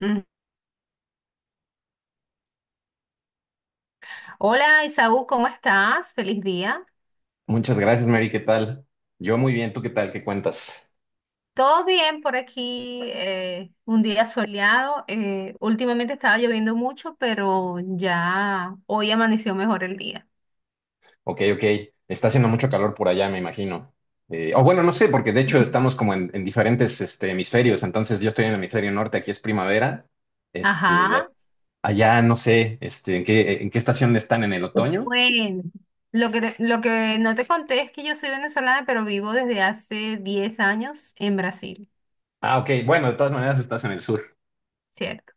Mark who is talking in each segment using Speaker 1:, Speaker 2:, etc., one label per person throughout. Speaker 1: Mm. Hola Isaú, ¿cómo estás? Feliz día.
Speaker 2: Muchas gracias, Mary. ¿Qué tal? Yo muy bien. ¿Tú qué tal? ¿Qué cuentas?
Speaker 1: Todo bien por aquí, un día soleado. Últimamente estaba lloviendo mucho, pero ya hoy amaneció mejor el día.
Speaker 2: Ok, ok. Está haciendo mucho calor por allá, me imagino. O bueno, no sé, porque de hecho estamos como en diferentes este, hemisferios. Entonces yo estoy en el hemisferio norte, aquí es primavera. Este,
Speaker 1: Ajá.
Speaker 2: allá no sé, este, ¿en qué estación están? ¿En el otoño?
Speaker 1: Bueno, lo que no te conté es que yo soy venezolana, pero vivo desde hace 10 años en Brasil,
Speaker 2: Ah, ok. Bueno, de todas maneras estás en el sur.
Speaker 1: ¿cierto?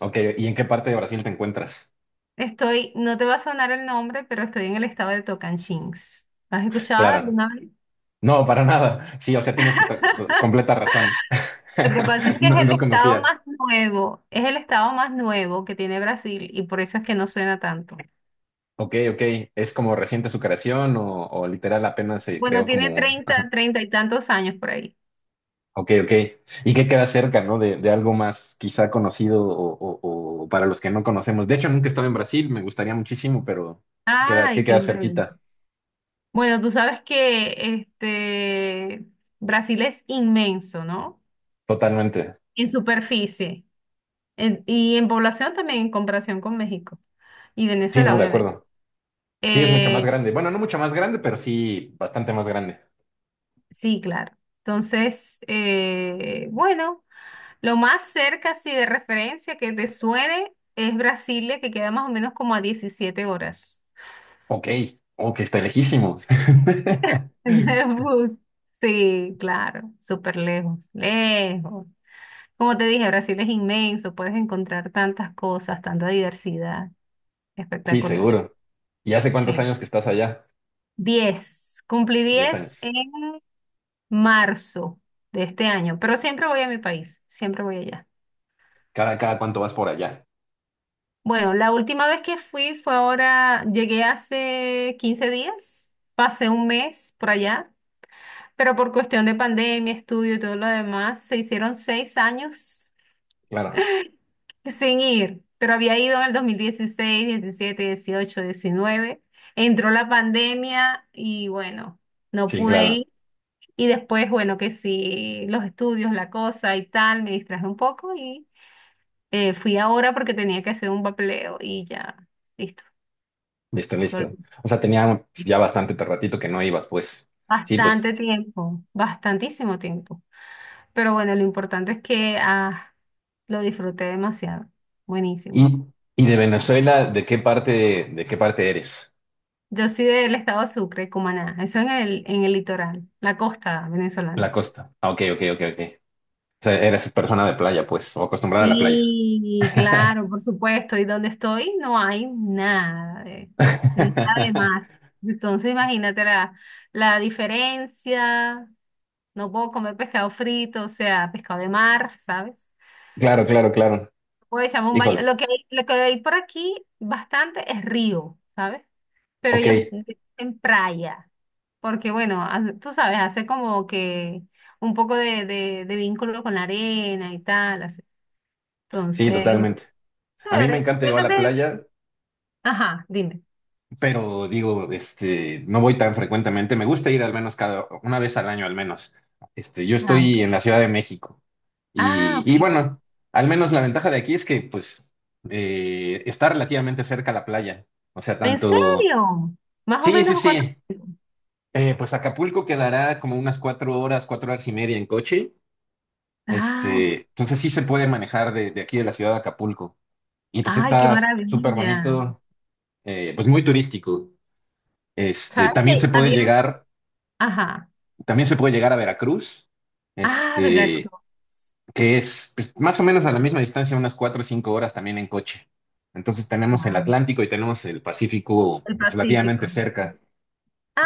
Speaker 2: Ok, ¿y en qué parte de Brasil te encuentras?
Speaker 1: Estoy, no te va a sonar el nombre, pero estoy en el estado de Tocantins. ¿Has escuchado
Speaker 2: Claro.
Speaker 1: alguna?
Speaker 2: No, para nada. Sí, o sea, tienes completa razón.
Speaker 1: Lo que pasa es que es
Speaker 2: No,
Speaker 1: el
Speaker 2: no
Speaker 1: estado
Speaker 2: conocía.
Speaker 1: más nuevo, es el estado más nuevo que tiene Brasil y por eso es que no suena tanto.
Speaker 2: Ok, ok. ¿Es como reciente su creación o literal apenas se
Speaker 1: Bueno,
Speaker 2: creó
Speaker 1: tiene
Speaker 2: como... Ajá.
Speaker 1: treinta y tantos años por ahí.
Speaker 2: Ok, ok. ¿Y qué queda cerca, ¿no? De algo más quizá conocido o para los que no conocemos. De hecho, nunca he estado en Brasil, me gustaría muchísimo, pero ¿qué
Speaker 1: Ay, qué
Speaker 2: queda
Speaker 1: maravilla.
Speaker 2: cerquita?
Speaker 1: Bueno, tú sabes que este Brasil es inmenso, ¿no?
Speaker 2: Totalmente.
Speaker 1: En superficie y en población también en comparación con México y
Speaker 2: Sí,
Speaker 1: Venezuela,
Speaker 2: ¿no? De
Speaker 1: obviamente.
Speaker 2: acuerdo. Sí, es mucho más
Speaker 1: Eh,
Speaker 2: grande. Bueno, no mucho más grande, pero sí bastante más grande.
Speaker 1: sí, claro. Entonces, bueno. Lo más cerca, sí, de referencia que te suene es Brasilia, que queda más o menos como a 17 horas
Speaker 2: Ok, ok, está lejísimos.
Speaker 1: de bus. Sí, claro, súper lejos, lejos. Como te dije, Brasil es inmenso, puedes encontrar tantas cosas, tanta diversidad.
Speaker 2: Sí,
Speaker 1: Espectacular.
Speaker 2: seguro. ¿Y hace cuántos
Speaker 1: Sí.
Speaker 2: años que estás allá?
Speaker 1: Cumplí
Speaker 2: Diez
Speaker 1: 10
Speaker 2: años.
Speaker 1: en marzo de este año, pero siempre voy a mi país, siempre voy allá.
Speaker 2: ¿Cada cuánto vas por allá?
Speaker 1: Bueno, la última vez que fui fue ahora, llegué hace 15 días, pasé un mes por allá, pero por cuestión de pandemia, estudio y todo lo demás, se hicieron 6 años
Speaker 2: Claro.
Speaker 1: sin ir, pero había ido en el 2016, 17, 18, 19. Entró la pandemia y bueno, no
Speaker 2: Sí,
Speaker 1: pude
Speaker 2: claro.
Speaker 1: ir y después, bueno, que sí, los estudios, la cosa y tal, me distraje un poco y fui ahora porque tenía que hacer un papeleo y ya, listo.
Speaker 2: Listo, listo.
Speaker 1: Volví.
Speaker 2: O sea, tenía pues, ya bastante ratito que no ibas, pues. Sí, pues.
Speaker 1: Bastante tiempo, bastantísimo tiempo. Pero bueno, lo importante es que lo disfruté demasiado.
Speaker 2: ¿Y,
Speaker 1: Buenísimo.
Speaker 2: de Venezuela, de qué parte eres?
Speaker 1: Yo soy del estado de Sucre, Cumaná. Eso en el litoral, la costa
Speaker 2: La
Speaker 1: venezolana.
Speaker 2: costa. Ah, ok, ok, ok, ok. O sea, eres persona de playa, pues, o acostumbrada a la playa.
Speaker 1: Sí, claro, por supuesto. Y donde estoy no hay nada de mar. Entonces imagínate la diferencia. No puedo comer pescado frito, o sea, pescado de mar, ¿sabes?
Speaker 2: Claro, claro, claro.
Speaker 1: Puede llamar un baño.
Speaker 2: Híjole.
Speaker 1: Lo que hay por aquí bastante es río, ¿sabes? Pero
Speaker 2: Ok,
Speaker 1: ellos en playa, porque bueno, tú sabes, hace como que un poco de vínculo con la arena y tal, así.
Speaker 2: sí,
Speaker 1: Entonces,
Speaker 2: totalmente. A mí me
Speaker 1: chévere.
Speaker 2: encanta ir a la
Speaker 1: Cuéntame.
Speaker 2: playa,
Speaker 1: Ajá, dime.
Speaker 2: pero digo, este, no voy tan frecuentemente. Me gusta ir al menos cada, una vez al año al menos. Este, yo
Speaker 1: Ah, ok.
Speaker 2: estoy en la Ciudad de México.
Speaker 1: Ah,
Speaker 2: Y
Speaker 1: ok.
Speaker 2: bueno, al menos la ventaja de aquí es que pues está relativamente cerca la playa. O sea,
Speaker 1: ¿En
Speaker 2: tanto...
Speaker 1: serio? Más o
Speaker 2: Sí, sí,
Speaker 1: menos cuánto.
Speaker 2: sí. Pues Acapulco quedará como unas cuatro horas y media en coche.
Speaker 1: Ay,
Speaker 2: Este, entonces sí se puede manejar de aquí de la ciudad de Acapulco. Y pues
Speaker 1: ay, qué
Speaker 2: está súper
Speaker 1: maravilla.
Speaker 2: bonito, pues muy turístico. Este,
Speaker 1: ¿Sabes qué? Había. Ajá.
Speaker 2: también se puede llegar a Veracruz.
Speaker 1: Ah,
Speaker 2: Este,
Speaker 1: Veracruz.
Speaker 2: que es pues, más o menos a la misma distancia, unas cuatro o cinco horas también en coche. Entonces tenemos el
Speaker 1: Wow.
Speaker 2: Atlántico y tenemos el Pacífico
Speaker 1: El
Speaker 2: pues,
Speaker 1: Pacífico.
Speaker 2: relativamente cerca.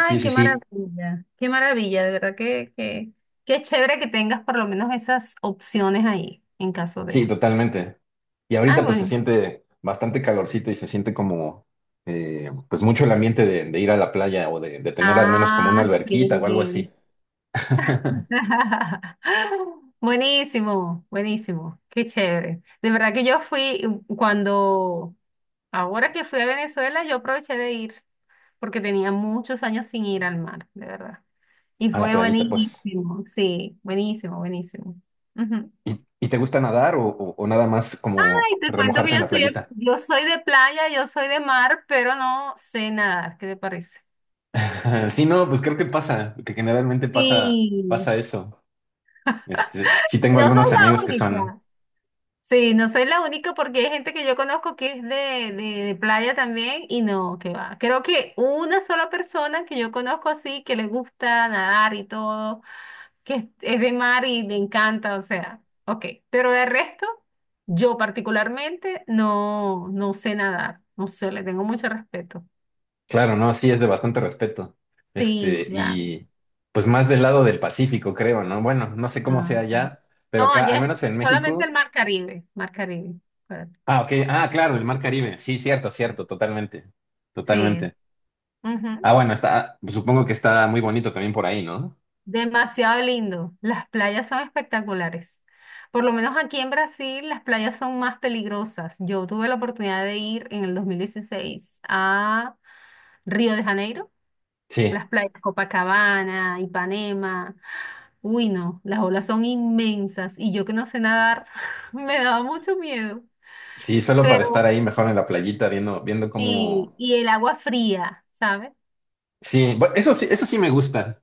Speaker 2: Sí, sí, sí,
Speaker 1: qué maravilla, de verdad que qué chévere que tengas por lo menos esas opciones ahí, en caso
Speaker 2: sí,
Speaker 1: de.
Speaker 2: totalmente. Y
Speaker 1: Ay,
Speaker 2: ahorita pues se
Speaker 1: bueno.
Speaker 2: siente bastante calorcito y se siente como pues mucho el ambiente de ir a la playa de tener al menos como una
Speaker 1: Ah,
Speaker 2: alberquita o algo
Speaker 1: sí.
Speaker 2: así.
Speaker 1: Buenísimo, buenísimo, qué chévere. De verdad que yo fui cuando, ahora que fui a Venezuela, yo aproveché de ir, porque tenía muchos años sin ir al mar, de verdad. Y
Speaker 2: A la
Speaker 1: fue
Speaker 2: playita, pues.
Speaker 1: buenísimo, sí, buenísimo, buenísimo. Ujú.
Speaker 2: Y te gusta nadar o nada más como
Speaker 1: Y te cuento que
Speaker 2: remojarte en la playita?
Speaker 1: yo soy de playa, yo soy de mar, pero no sé nadar. ¿Qué te parece?
Speaker 2: Sí, no, pues creo que pasa, que generalmente pasa,
Speaker 1: Sí,
Speaker 2: pasa eso. Este, sí tengo
Speaker 1: no soy
Speaker 2: algunos amigos
Speaker 1: la
Speaker 2: que son,
Speaker 1: única. Sí, no soy la única porque hay gente que yo conozco que es de playa también y no, que va. Creo que una sola persona que yo conozco así, que le gusta nadar y todo, que es de mar y le encanta, o sea, ok. Pero el resto, yo particularmente no, no sé nadar, no sé, le tengo mucho respeto.
Speaker 2: claro, ¿no? Sí, es de bastante respeto.
Speaker 1: Sí,
Speaker 2: Este,
Speaker 1: claro.
Speaker 2: y pues más del lado del Pacífico, creo, ¿no? Bueno, no sé cómo
Speaker 1: Ah,
Speaker 2: sea
Speaker 1: ok.
Speaker 2: allá, pero
Speaker 1: No,
Speaker 2: acá,
Speaker 1: allá
Speaker 2: al
Speaker 1: es
Speaker 2: menos en
Speaker 1: solamente
Speaker 2: México.
Speaker 1: el Mar Caribe, Mar Caribe. Espérate.
Speaker 2: Ah, ok. Ah, claro, el Mar Caribe. Sí, cierto, cierto, totalmente.
Speaker 1: Sí, es.
Speaker 2: Totalmente.
Speaker 1: Ujú.
Speaker 2: Ah, bueno, está, supongo que está muy bonito también por ahí, ¿no?
Speaker 1: Demasiado lindo. Las playas son espectaculares. Por lo menos aquí en Brasil, las playas son más peligrosas. Yo tuve la oportunidad de ir en el 2016 a Río de Janeiro,
Speaker 2: Sí,
Speaker 1: las playas Copacabana, Ipanema. Uy, no, las olas son inmensas y yo que no sé nadar, me daba mucho miedo.
Speaker 2: sí, solo para
Speaker 1: Pero
Speaker 2: estar ahí mejor en la playita viendo, viendo
Speaker 1: sí,
Speaker 2: cómo.
Speaker 1: y el agua fría, ¿sabes?
Speaker 2: Sí, eso sí, eso sí me gusta.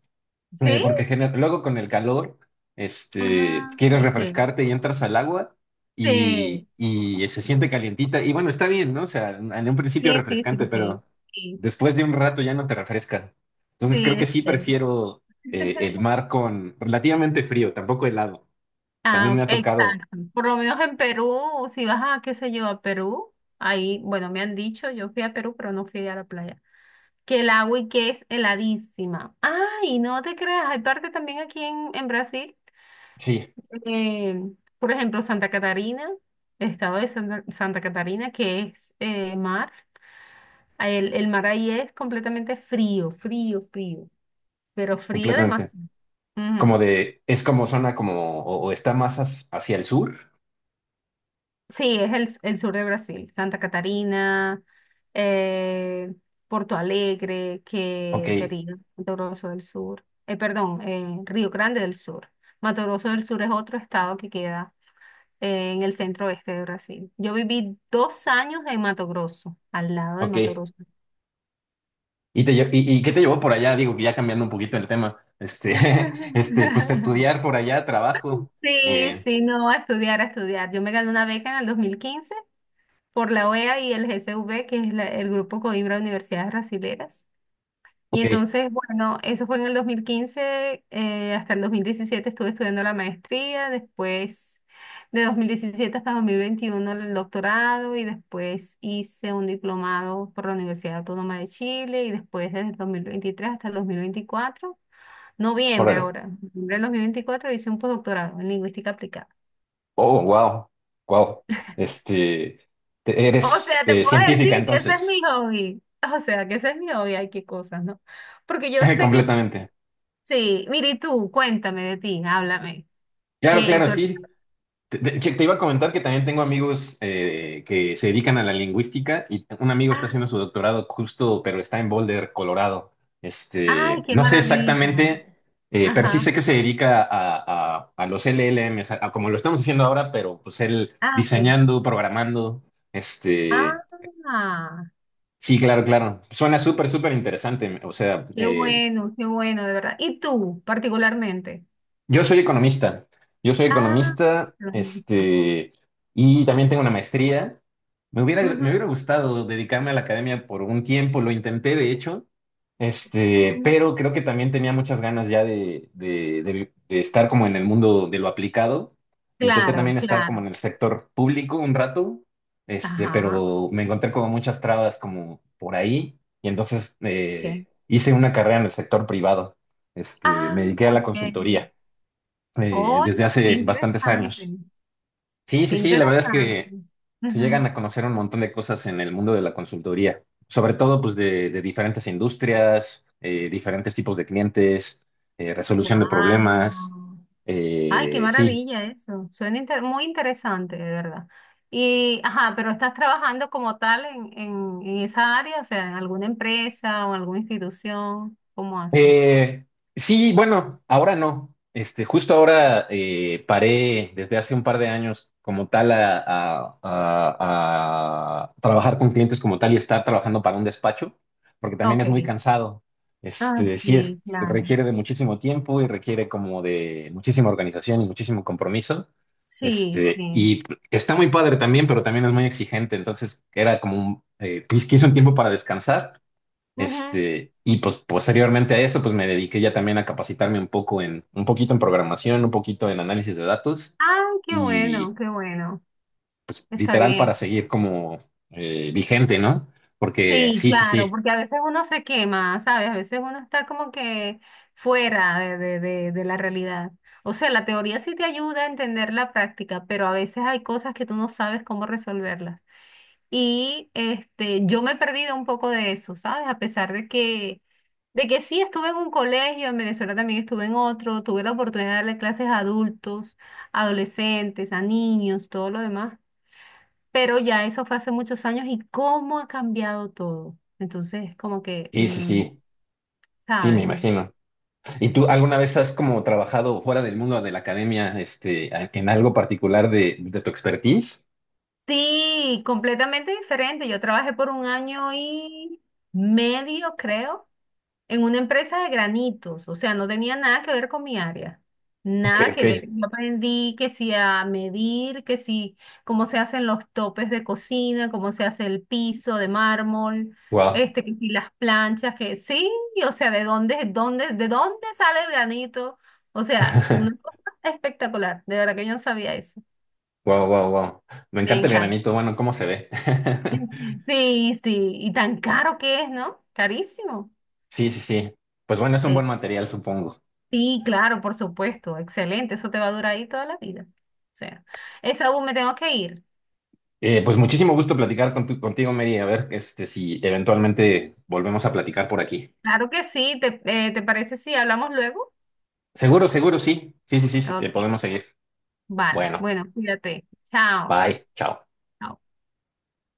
Speaker 1: ¿Sí?
Speaker 2: Porque luego con el calor, este,
Speaker 1: Ah,
Speaker 2: quieres
Speaker 1: ok.
Speaker 2: refrescarte y entras al agua
Speaker 1: Sí,
Speaker 2: y se siente calientita. Y bueno, está bien, ¿no? O sea, en un principio
Speaker 1: sí, sí,
Speaker 2: refrescante,
Speaker 1: sí, sí,
Speaker 2: pero
Speaker 1: sí,
Speaker 2: después de un rato ya no te refresca. Entonces
Speaker 1: sí,
Speaker 2: creo que
Speaker 1: es
Speaker 2: sí
Speaker 1: chévere.
Speaker 2: prefiero el mar con relativamente frío, tampoco helado.
Speaker 1: Ah,
Speaker 2: También me
Speaker 1: ok,
Speaker 2: ha tocado,
Speaker 1: exacto. Por lo menos en Perú, si vas a, qué sé yo, a Perú, ahí, bueno, me han dicho, yo fui a Perú, pero no fui a la playa, que el agua y que es heladísima. Ay, no te creas, hay parte también aquí en Brasil,
Speaker 2: sí,
Speaker 1: eh, por ejemplo, Santa Catarina, el estado de Santa Catarina, que es mar. El el, mar ahí es completamente frío, frío, frío, pero frío
Speaker 2: completamente.
Speaker 1: demasiado. Ujú.
Speaker 2: Como de, es como zona como, o está más hacia el sur.
Speaker 1: Sí, es el sur de Brasil, Santa Catarina, eh, Porto Alegre,
Speaker 2: Ok,
Speaker 1: que sería Mato Grosso del Sur, perdón, Río Grande del Sur. Mato Grosso del Sur es otro estado que queda en el centro oeste de Brasil. Yo viví 2 años en Mato Grosso, al lado de
Speaker 2: ok.
Speaker 1: Mato Grosso.
Speaker 2: ¿Y, y qué te llevó por allá? Digo que ya cambiando un poquito el tema. Este, este, pues de estudiar por allá, trabajo.
Speaker 1: Sí,
Speaker 2: Eh,
Speaker 1: sí, no, a estudiar, a estudiar. Yo me gané una beca en el 2015 por la OEA y el GCV, que es el Grupo Coimbra de Universidades Brasileras. Y
Speaker 2: ok,
Speaker 1: entonces, bueno, eso fue en el 2015, hasta el 2017 estuve estudiando la maestría, después de 2017 hasta 2021 el doctorado y después hice un diplomado por la Universidad Autónoma de Chile y después desde el 2023 hasta el 2024, noviembre
Speaker 2: órale.
Speaker 1: ahora, noviembre del 2024 hice un postdoctorado en lingüística aplicada.
Speaker 2: Oh, wow, wow. Este,
Speaker 1: O
Speaker 2: eres
Speaker 1: sea, te puedo
Speaker 2: científica
Speaker 1: decir que ese es mi
Speaker 2: entonces,
Speaker 1: hobby. O sea, que ese es mi hobby. Ay, qué cosas, ¿no? Porque yo sé que
Speaker 2: completamente.
Speaker 1: sí. Mire, y tú, cuéntame de ti, háblame.
Speaker 2: Claro,
Speaker 1: Que
Speaker 2: claro,
Speaker 1: tú...
Speaker 2: sí. Te iba a comentar que también tengo amigos que se dedican a la lingüística y un amigo está
Speaker 1: ah,
Speaker 2: haciendo su doctorado justo, pero está en Boulder, Colorado.
Speaker 1: ay,
Speaker 2: Este,
Speaker 1: qué
Speaker 2: no sé
Speaker 1: maravilla.
Speaker 2: exactamente, pero sí
Speaker 1: Ajá.
Speaker 2: sé que se dedica a los LLMs, a como lo estamos haciendo ahora, pero pues él
Speaker 1: Ah, ok.
Speaker 2: diseñando, programando. Este,
Speaker 1: Ah,
Speaker 2: sí, claro, claro. Suena súper, súper interesante. O sea,
Speaker 1: qué bueno, de verdad. ¿Y tú, particularmente?
Speaker 2: yo soy economista, yo soy
Speaker 1: Ah,
Speaker 2: economista,
Speaker 1: lo mismo.
Speaker 2: este, y también tengo una maestría. Me
Speaker 1: Ujú,
Speaker 2: hubiera gustado dedicarme a la academia por un tiempo, lo intenté de hecho, este,
Speaker 1: ujú.
Speaker 2: pero creo que también tenía muchas ganas ya de estar como en el mundo de lo aplicado. Intenté
Speaker 1: Claro,
Speaker 2: también estar
Speaker 1: claro.
Speaker 2: como en el sector público un rato, este,
Speaker 1: Ajá,
Speaker 2: pero me encontré como muchas trabas como por ahí, y entonces
Speaker 1: ok.
Speaker 2: hice una carrera en el sector privado, este, me
Speaker 1: Ah,
Speaker 2: dediqué a la
Speaker 1: ok.
Speaker 2: consultoría
Speaker 1: Oye,
Speaker 2: desde
Speaker 1: qué
Speaker 2: hace bastantes
Speaker 1: interesante.
Speaker 2: años. Sí, sí,
Speaker 1: Qué
Speaker 2: sí, la verdad es
Speaker 1: interesante.
Speaker 2: que se llegan a conocer un montón de cosas en el mundo de la consultoría, sobre todo pues de diferentes industrias, diferentes tipos de clientes, resolución de problemas.
Speaker 1: Wow. Ay, qué
Speaker 2: Eh, sí,
Speaker 1: maravilla eso. Suena inter- muy interesante, de verdad. Y, ajá, pero estás trabajando como tal en esa área, o sea, en alguna empresa o en alguna institución. ¿Cómo haces?
Speaker 2: Eh, sí, bueno, ahora no. Este, justo ahora paré desde hace un par de años como tal a trabajar con clientes como tal y estar trabajando para un despacho, porque también es muy
Speaker 1: Ok.
Speaker 2: cansado.
Speaker 1: Ah,
Speaker 2: Este, sí es,
Speaker 1: sí, claro.
Speaker 2: requiere de muchísimo tiempo y requiere como de muchísima organización y muchísimo compromiso.
Speaker 1: Sí,
Speaker 2: Este,
Speaker 1: sí.
Speaker 2: y está muy padre también, pero también es muy exigente. Entonces era como un, quise un tiempo para descansar.
Speaker 1: Ujú.
Speaker 2: Este, y pues posteriormente a eso, pues me dediqué ya también a capacitarme un poco un poquito en programación, un poquito en análisis de datos
Speaker 1: Ay, qué
Speaker 2: y
Speaker 1: bueno, qué bueno.
Speaker 2: pues
Speaker 1: Está
Speaker 2: literal para
Speaker 1: bien.
Speaker 2: seguir como vigente, ¿no? Porque
Speaker 1: Sí,
Speaker 2: sí, sí,
Speaker 1: claro,
Speaker 2: sí,
Speaker 1: porque a veces uno se quema, ¿sabes? A veces uno está como que fuera de, la realidad. O sea, la teoría sí te ayuda a entender la práctica, pero a veces hay cosas que tú no sabes cómo resolverlas. Y yo me he perdido un poco de eso, ¿sabes? A pesar de que sí estuve en un colegio, en Venezuela también estuve en otro, tuve la oportunidad de darle clases a adultos, adolescentes, a niños, todo lo demás, pero ya eso fue hace muchos años y cómo ha cambiado todo. Entonces, como que,
Speaker 2: sí, sí, sí, sí, me
Speaker 1: ¿sabes? Me-
Speaker 2: imagino. ¿Y tú alguna vez has como trabajado fuera del mundo de la academia, este, en algo particular de tu expertise?
Speaker 1: Sí, completamente diferente. Yo trabajé por un año y medio, creo, en una empresa de granitos, o sea, no tenía nada que ver con mi área,
Speaker 2: Ok,
Speaker 1: nada que
Speaker 2: ok,
Speaker 1: ver. Yo aprendí que si a medir, que si cómo se hacen los topes de cocina, cómo se hace el piso de mármol,
Speaker 2: wow.
Speaker 1: que si las planchas, que sí, o sea, de dónde sale el granito, o sea, una cosa espectacular, de verdad que yo no sabía eso,
Speaker 2: Wow, wow, wow. Me
Speaker 1: me
Speaker 2: encanta el
Speaker 1: encanta.
Speaker 2: granito, bueno, ¿cómo se ve?
Speaker 1: Sí, sí, y tan caro que es, ¿no? Carísimo.
Speaker 2: Sí, sí, sí. Pues bueno, es un
Speaker 1: Sí.
Speaker 2: buen material, supongo.
Speaker 1: Sí, claro, por supuesto, excelente, eso te va a durar ahí toda la vida. O sea, Esaú, me tengo que ir.
Speaker 2: Pues muchísimo gusto platicar con contigo, Mary. A ver, este, si eventualmente volvemos a platicar por aquí.
Speaker 1: Claro que sí, ¿te, te parece si hablamos luego?
Speaker 2: Seguro, seguro, sí. Sí, sí, sí, sí,
Speaker 1: Ok,
Speaker 2: podemos seguir.
Speaker 1: vale,
Speaker 2: Bueno,
Speaker 1: bueno, cuídate. Chao.
Speaker 2: bye, chao.
Speaker 1: Chao.